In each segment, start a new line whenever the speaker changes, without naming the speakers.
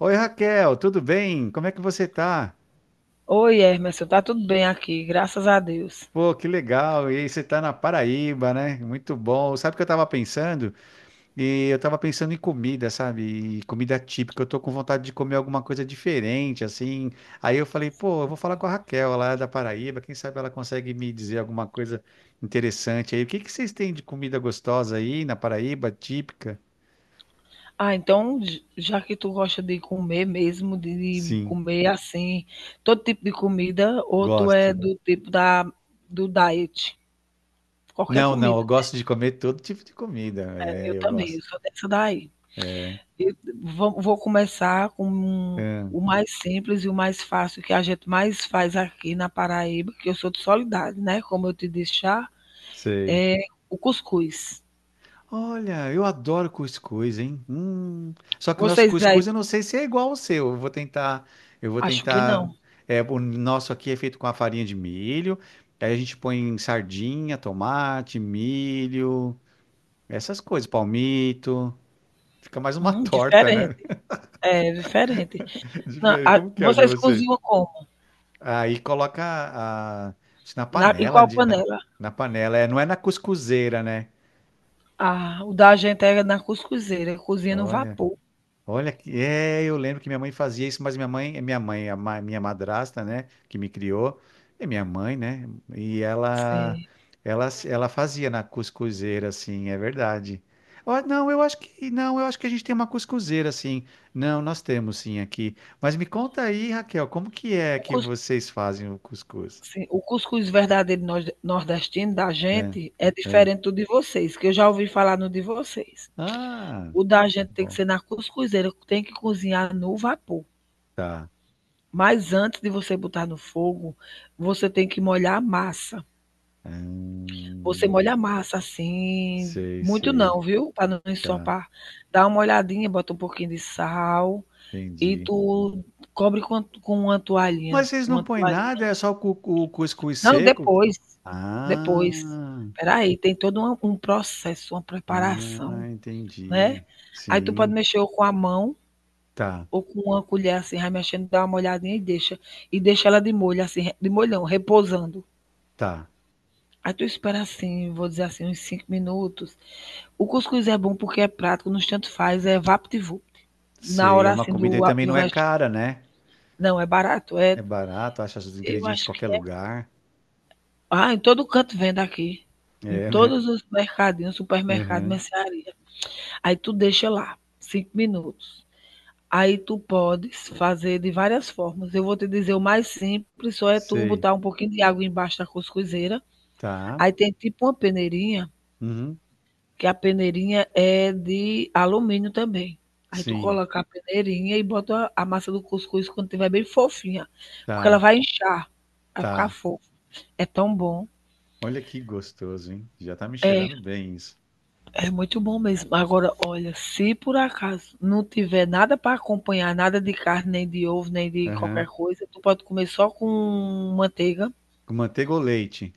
Oi Raquel, tudo bem? Como é que você tá?
Oi, Emerson, tá tudo bem aqui, graças a Deus.
Pô, que legal! E aí você tá na Paraíba, né? Muito bom. Sabe o que eu tava pensando? E eu tava pensando em comida, sabe? E comida típica. Eu tô com vontade de comer alguma coisa diferente, assim. Aí eu falei, pô, eu vou falar com a Raquel lá da Paraíba. Quem sabe ela consegue me dizer alguma coisa interessante aí. O que que vocês têm de comida gostosa aí na Paraíba, típica?
Já que tu gosta de comer mesmo, de
Sim,
comer assim, todo tipo de comida, ou tu é
gosto.
do tipo da, do diet? Qualquer
Não, não,
comida,
eu gosto de comer todo tipo de comida.
né? Eu
É, eu
também,
gosto.
eu sou dessa daí.
É,
Eu vou começar com
ah,
o mais simples e o mais fácil que a gente mais faz aqui na Paraíba, que eu sou de Soledade, né? Como eu te disse já,
sei.
é o cuscuz.
Olha, eu adoro cuscuz, hein? Hum. Só que o nosso
Vocês
cuscuz
aí,
eu não sei se é igual ao seu. Eu vou tentar, eu vou
acho que
tentar.
não.
É, o nosso aqui é feito com a farinha de milho. Aí a gente põe sardinha, tomate, milho, essas coisas, palmito. Fica mais uma torta, né?
Diferente. É diferente. Não,
Diferente.
a
Como que é o de
vocês
vocês?
cozinham como?
Aí coloca a, na
Na em
panela,
qual
de, na,
panela?
na panela. É, não é na cuscuzeira, né?
Ah, o da gente era na cuscuzeira, cozinha no
Olha.
vapor.
Olha, eu lembro que minha mãe fazia isso, mas minha mãe, a ma- minha madrasta, né, que me criou, é minha mãe, né? E ela,
Sim.
ela, ela fazia na cuscuzeira, assim, é verdade. Ó, não, eu acho que não, eu acho que a gente tem uma cuscuzeira, assim. Não, nós temos sim aqui. Mas me conta aí, Raquel, como que é
O
que
cus
vocês fazem o cuscuz?
Sim, o cuscuz verdadeiro nor nordestino da
É,
gente é
é.
diferente do de vocês, que eu já ouvi falar no de vocês.
Ah,
O da gente
tá
tem que
bom,
ser na cuscuzeira, tem que cozinhar no vapor.
tá.
Mas antes de você botar no fogo, você tem que molhar a massa. Você
Hum,
molha a massa, assim,
sei,
muito
sei,
não, viu, para não
tá.
ensopar. Dá uma olhadinha, bota um pouquinho de sal e
Entendi.
tu cobre com uma
Mas
toalhinha,
vocês não põem nada, é só o cuscuz
não,
seco?
depois,
Ah,
depois. Espera aí, tem todo uma um processo, uma
ah,
preparação, né.
entendi.
Aí tu pode
Sim,
mexer ou com a mão
tá,
ou com uma colher, assim, vai mexendo, dá uma olhadinha e deixa. E deixa ela de molho, assim, de molhão, repousando.
tá.
Aí tu espera, assim, vou dizer assim, uns 5 minutos. O cuscuz é bom porque é prático, nos tanto faz, é vapt-vupt. Na
Sei, é
hora
uma
assim
comida e
do
também
do
não é
vesti
cara, né?
Não, é barato, é
É barato, acha os
eu
ingredientes em
acho
qualquer
que é
lugar.
ah, em todo canto vende aqui. Em
É, né?
todos os mercadinhos, supermercado,
Uhum,
mercearia. Aí tu deixa lá 5 minutos. Aí tu podes fazer de várias formas. Eu vou te dizer o mais simples, só é tu
sei,
botar um pouquinho de água embaixo da cuscuzeira,
tá.
aí tem tipo uma peneirinha,
Uhum,
que a peneirinha é de alumínio também. Aí tu
sim,
coloca a peneirinha e bota a massa do cuscuz quando tiver bem fofinha, porque ela
tá,
vai inchar, vai ficar
tá.
fofa. É tão bom.
Olha que gostoso, hein? Já tá me
É,
cheirando bem isso.
é muito bom mesmo. Agora, olha, se por acaso não tiver nada para acompanhar, nada de carne, nem de ovo, nem de qualquer
Uhum.
coisa, tu pode comer só com manteiga.
Com manteiga ou leite?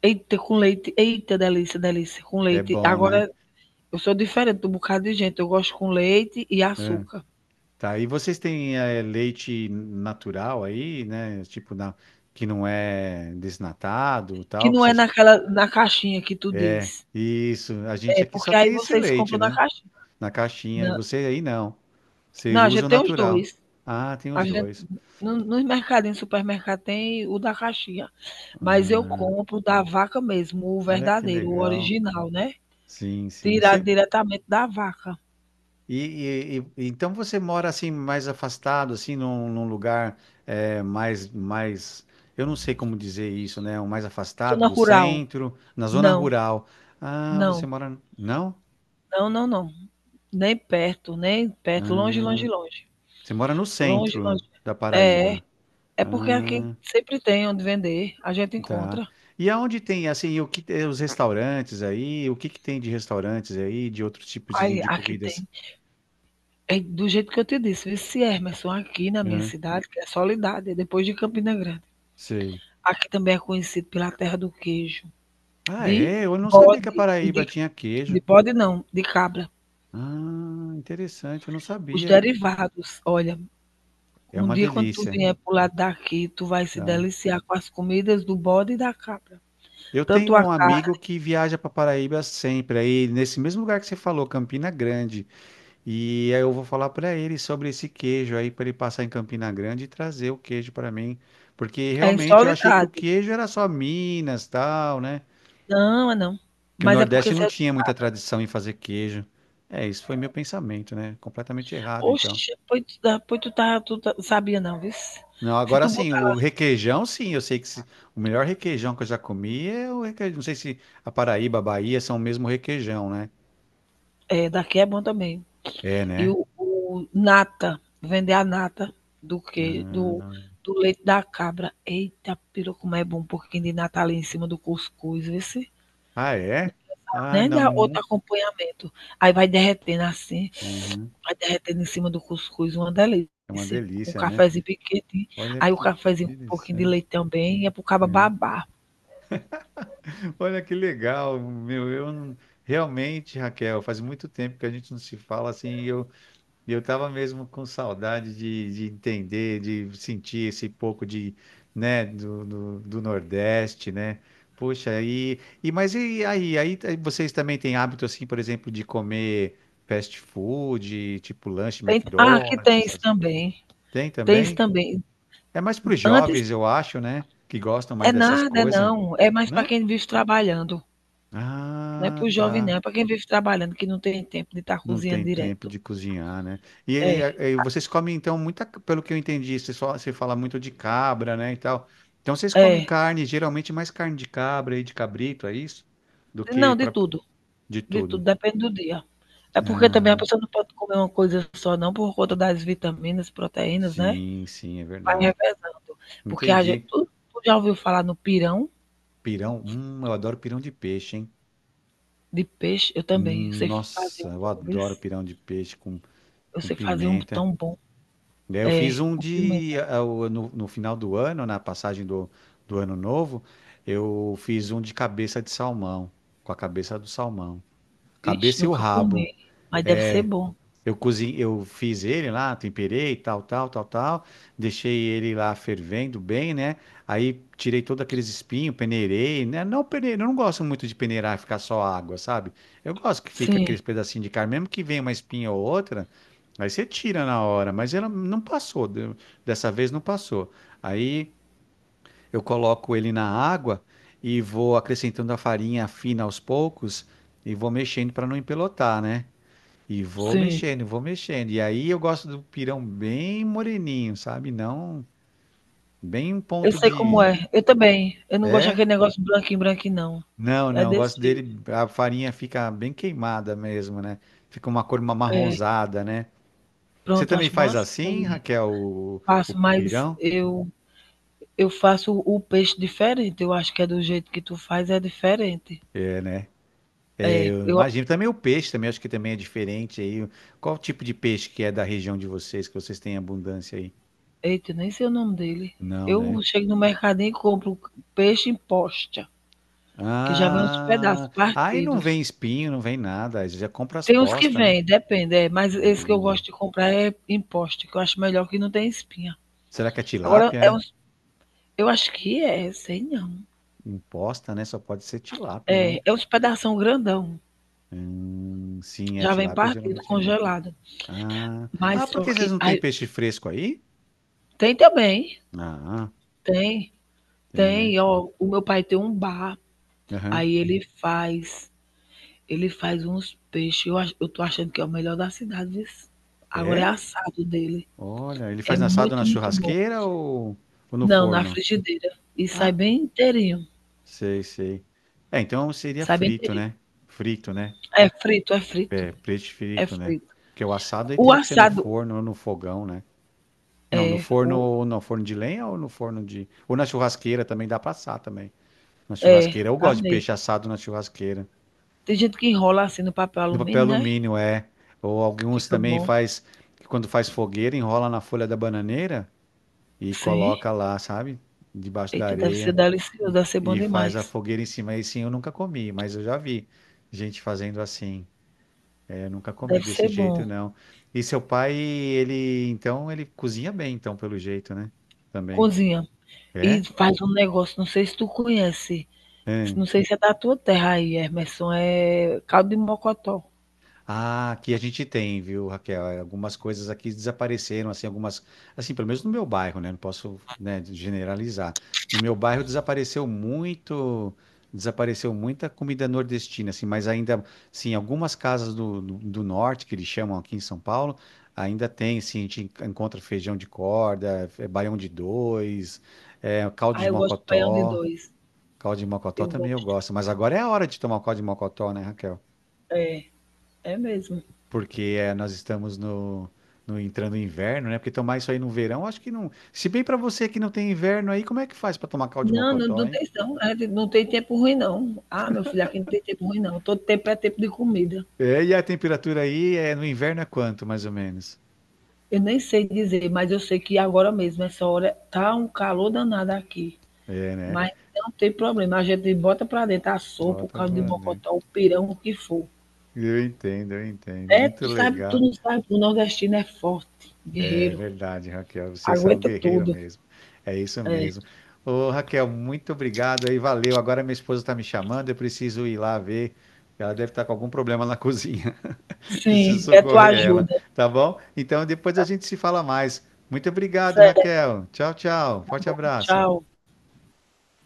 Eita, com leite. Eita, delícia, delícia. Com
É
leite.
bom, né?
Agora, eu sou diferente do bocado de gente. Eu gosto com leite e açúcar.
Tá, e vocês têm leite natural aí, né? Tipo, que não é desnatado,
Que
tal, que
não é
vocês...
naquela na caixinha que tu
é
diz.
Isso, a
É
gente aqui só
porque aí
tem esse
vocês
leite,
compram na
né?
caixinha.
Na caixinha, e
Não.
você aí não.
Não,
Vocês
a gente
usam
tem os
natural.
dois.
Ah, tem
A
os
gente,
dois.
nos mercadinhos, supermercado tem o da caixinha. Mas eu compro da vaca mesmo, o
Olha que
verdadeiro, o
legal.
original, né?
Sim, sim.
Tirado diretamente da vaca.
Então você mora assim mais afastado, assim num lugar mais, eu não sei como dizer isso, né? O mais afastado
Zona
do
rural.
centro, na zona
Não,
rural. Ah,
não,
você mora não?
não, não, não. Nem perto, nem perto. Longe, longe,
Ah,
longe.
você mora no
Longe,
centro
longe.
da
É,
Paraíba.
é porque aqui
Ah,
sempre tem onde vender. A gente
tá.
encontra.
E aonde tem assim os restaurantes aí? O que que tem de restaurantes aí? De outros tipos de,
Aí,
de
aqui
comidas?
tem. É do jeito que eu te disse, vice Emerson, aqui na minha
Ah,
cidade, que é Soledade, é depois de Campina Grande.
sei.
Aqui também é conhecido pela terra do queijo,
Ah,
de
é? Eu não sabia que a
bode, e
Paraíba tinha queijo.
de bode não, de cabra.
Ah, interessante, eu não
Os
sabia.
derivados, olha,
É
um
uma
dia quando tu
delícia,
vier pro lado daqui, tu vai se
tá?
deliciar com as comidas do bode e da cabra.
Eu
Tanto
tenho
a
um amigo
carne,
que viaja para Paraíba sempre, aí nesse mesmo lugar que você falou, Campina Grande. E aí eu vou falar para ele sobre esse queijo aí para ele passar em Campina Grande e trazer o queijo para mim, porque
é em
realmente eu achei que o
Soledade.
queijo era só Minas, tal, né?
Não, é não.
Que o
Mas é
Nordeste
porque você
não
é de
tinha
cá.
muita tradição em fazer queijo. É, isso foi meu pensamento, né? Completamente errado, então.
Oxe, pois tu, sabia não, viu?
Não,
Se
agora
tu
sim,
botar,
o requeijão, sim, eu sei que o melhor requeijão que eu já comi é o requeijão. Não sei se a Paraíba, a Bahia são o mesmo requeijão, né?
é, daqui é bom também.
É,
E
né?
o nata, vender a nata do que do
Ah,
do leite da cabra. Eita peru, como é bom um pouquinho de nata ali em cima do cuscuz, vice.
ah, é? Ah,
Né,
não,
dá outro
não.
acompanhamento. Aí vai derretendo assim,
Uhum.
vai derretendo em cima do cuscuz, uma delícia.
É uma
Com um
delícia, né?
cafezinho bem
Olha
Aí o
que
cafezinho com um pouquinho de
interessante.
leite também, é para o cabra
Uhum.
babar.
Olha que legal, meu. Eu não- realmente, Raquel, faz muito tempo que a gente não se fala assim. Eu E eu estava mesmo com saudade de entender, de sentir esse pouco de, né, do Nordeste, né? Poxa, mas e aí, vocês também têm hábito assim, por exemplo, de comer fast food, tipo lanche
Tem, ah, aqui
McDonald's,
tem isso
essas coisas?
também,
Tem
tem isso
também?
também.
É mais para os
Antes
jovens, eu acho, né? Que gostam
é
mais dessas
nada, é
coisas.
Não, é mais para
Não?
quem vive trabalhando. Não é para
Ah,
o jovem, não.
tá.
É para quem vive trabalhando, que não tem tempo de estar
Não
cozinhando
tem tempo
direto.
de cozinhar, né? E,
É,
e- e vocês comem, então, muita, pelo que eu entendi, você fala muito de cabra, né, e tal. Então, vocês comem
é.
carne, geralmente mais carne de cabra e de cabrito, é isso? Do que
Não, de tudo.
de
De tudo,
tudo.
depende do dia. É porque também a
Ah,
pessoa não pode comer uma coisa só, não, por conta das vitaminas, proteínas, né?
sim, sim, é
Vai
verdade.
revezando. Porque a gente.
Entendi.
Tu, tu já ouviu falar no pirão
Pirão, eu adoro pirão de peixe, hein?
de peixe? Eu também. Eu sei fazer
Nossa,
um
eu
bom, viu?
adoro pirão de peixe com,
Eu
com
sei fazer um
pimenta.
tão bom.
Daí Eu
É,
fiz um
com pimenta.
de. Ah, o- No, no final do ano, na passagem do ano novo, eu fiz um de cabeça de salmão, com a cabeça do salmão.
Ixi,
Cabeça e o
nunca comi.
rabo.
Mas deve ser bom.
Eu cozinhei, eu fiz ele lá, temperei, tal, tal, tal, tal. Deixei ele lá fervendo bem, né? Aí tirei todos aqueles espinhos, peneirei, né? Não peneirei, eu não gosto muito de peneirar e ficar só água, sabe? Eu gosto que fica
Sim,
aqueles pedacinhos de carne, mesmo que venha uma espinha ou outra, aí você tira na hora, mas ela não passou, dessa vez não passou. Aí eu coloco ele na água e vou acrescentando a farinha fina aos poucos e vou mexendo para não empelotar, né? E vou
sim.
mexendo, vou mexendo. E aí eu gosto do pirão bem moreninho, sabe? Não bem um
Eu
ponto
sei como
de.
é. Eu também. Eu não gosto
É?
daquele negócio branquinho, branquinho, não.
Não,
É
não. Eu
desse
gosto
jeito.
dele. A farinha fica bem queimada mesmo, né? Fica uma cor marronzada, né? Você
Pronto,
também
acho bom
faz
assim
assim,
também.
Raquel, o
Faço, mas
pirão?
eu faço o peixe diferente. Eu acho que é do jeito que tu faz, é diferente.
É, né?
É,
Eu
eu,
imagino. Também o peixe, também acho que também é diferente aí. Qual o tipo de peixe que é da região de vocês, que vocês têm abundância aí?
eita, nem sei o nome dele.
Não,
Eu
né?
chego no mercadinho e compro peixe em posta, que já vem uns pedaços
Ah, aí não vem
partidos.
espinho, não vem nada. Aí você já compra as
Tem uns que
postas, né?
vêm, depende, é, mas esse que eu
Hum.
gosto de comprar é em posta, que eu acho melhor que não tem espinha.
Será que é
Agora,
tilápia?
é
É?
uns, eu acho que é, sei não.
Imposta, né? Só pode ser tilápia, né?
É, é uns pedação grandão.
Sim, é
Já vem
tilápia,
partido,
geralmente é grande.
congelado.
Ah, ah,
Mas
por
só
que vocês
que.
não têm
Aí,
peixe fresco aí?
tem também.
Ah,
Tem.
tem, né?
Tem. Ó, o meu pai tem um bar.
Aham.
Aí ele faz. Ele faz uns peixes. Eu tô achando que é o melhor da cidade, viu? Agora é
É?
assado dele.
Olha, ele
É
faz assado na
muito, muito bom.
churrasqueira ou no
Não, na
forno?
frigideira. E sai
Ah,
bem inteirinho.
sei, sei. É, então seria
Sai bem
frito,
inteirinho.
né? Frito, né?
É frito, é frito.
É, preto
É
frito, né?
frito.
Porque o assado aí
O
teria que ser no
assado
forno ou no fogão, né? Não, no
é.
forno
O,
ou no forno de lenha. Ou no forno de. Ou na churrasqueira também dá pra assar também. Na
é,
churrasqueira. Eu
tá
gosto de
mesmo.
peixe assado na churrasqueira.
Tem gente que enrola assim no papel
No papel
alumínio, né?
alumínio, é. Ou alguns
Fica
também
bom.
faz. Que Quando faz fogueira, enrola na folha da bananeira e
Sim.
coloca lá, sabe? Debaixo da
Eita, deve ser
areia.
delicioso,
E,
deve ser bom
e faz a
demais.
fogueira em cima. Aí sim eu nunca comi, mas eu já vi gente fazendo assim. Eu nunca comi
Deve
desse
ser
jeito,
bom.
não. E seu pai, ele, então, ele cozinha bem, então, pelo jeito, né? Também.
Cozinha. E
É?
faz um negócio, não sei se tu conhece,
Hã?
não sei se é da tua terra aí, Emerson, é caldo de mocotó.
Ah, aqui a gente tem, viu, Raquel? É, algumas coisas aqui desapareceram, assim, algumas, assim, pelo menos no meu bairro, né? Não posso, né, generalizar. No meu bairro desapareceu muito, desapareceu muita comida nordestina, assim, mas ainda, sim, algumas casas do, norte, que eles chamam aqui em São Paulo, ainda tem, assim, a gente encontra feijão de corda, baião de dois, caldo
Ah,
de
eu gosto de baião de
mocotó.
dois.
Caldo de mocotó
Eu
também eu
gosto.
gosto, mas agora é a hora de tomar o caldo de mocotó, né, Raquel?
É, é mesmo.
Porque nós estamos no entrando no inverno, né? Porque tomar isso aí no verão, acho que não. Se bem para você que não tem inverno aí, como é que faz para tomar caldo de
Não, não,
mocotó,
não
hein?
tem não. É, não tem tempo ruim, não. Ah, meu filho, aqui não tem tempo ruim, não. Todo tempo é tempo de comida.
É, e a temperatura aí é, no inverno é quanto, mais ou menos?
Eu nem sei dizer, mas eu sei que agora mesmo, essa hora, tá um calor danado aqui.
É, né?
Mas não tem problema, a gente bota pra dentro a sopa, o
Bota,
caldo de
mano.
mocotó, o pirão, o que for.
Eu entendo, eu entendo.
É,
Muito
tu sabe, tu
legal.
não sabe, o nordestino é forte,
É
guerreiro,
verdade, Raquel. Vocês são um
aguenta
guerreiro
tudo.
mesmo. É isso
É.
mesmo. Ô, Raquel, muito obrigado aí. Valeu. Agora minha esposa está me chamando. Eu preciso ir lá ver. Ela deve estar com algum problema na cozinha. Preciso
Sim, quer tua
socorrer ela,
ajuda.
tá bom? Então depois a gente se fala mais. Muito obrigado,
Certo,
Raquel. Tchau, tchau.
tá
Forte
bom,
abraço.
tchau.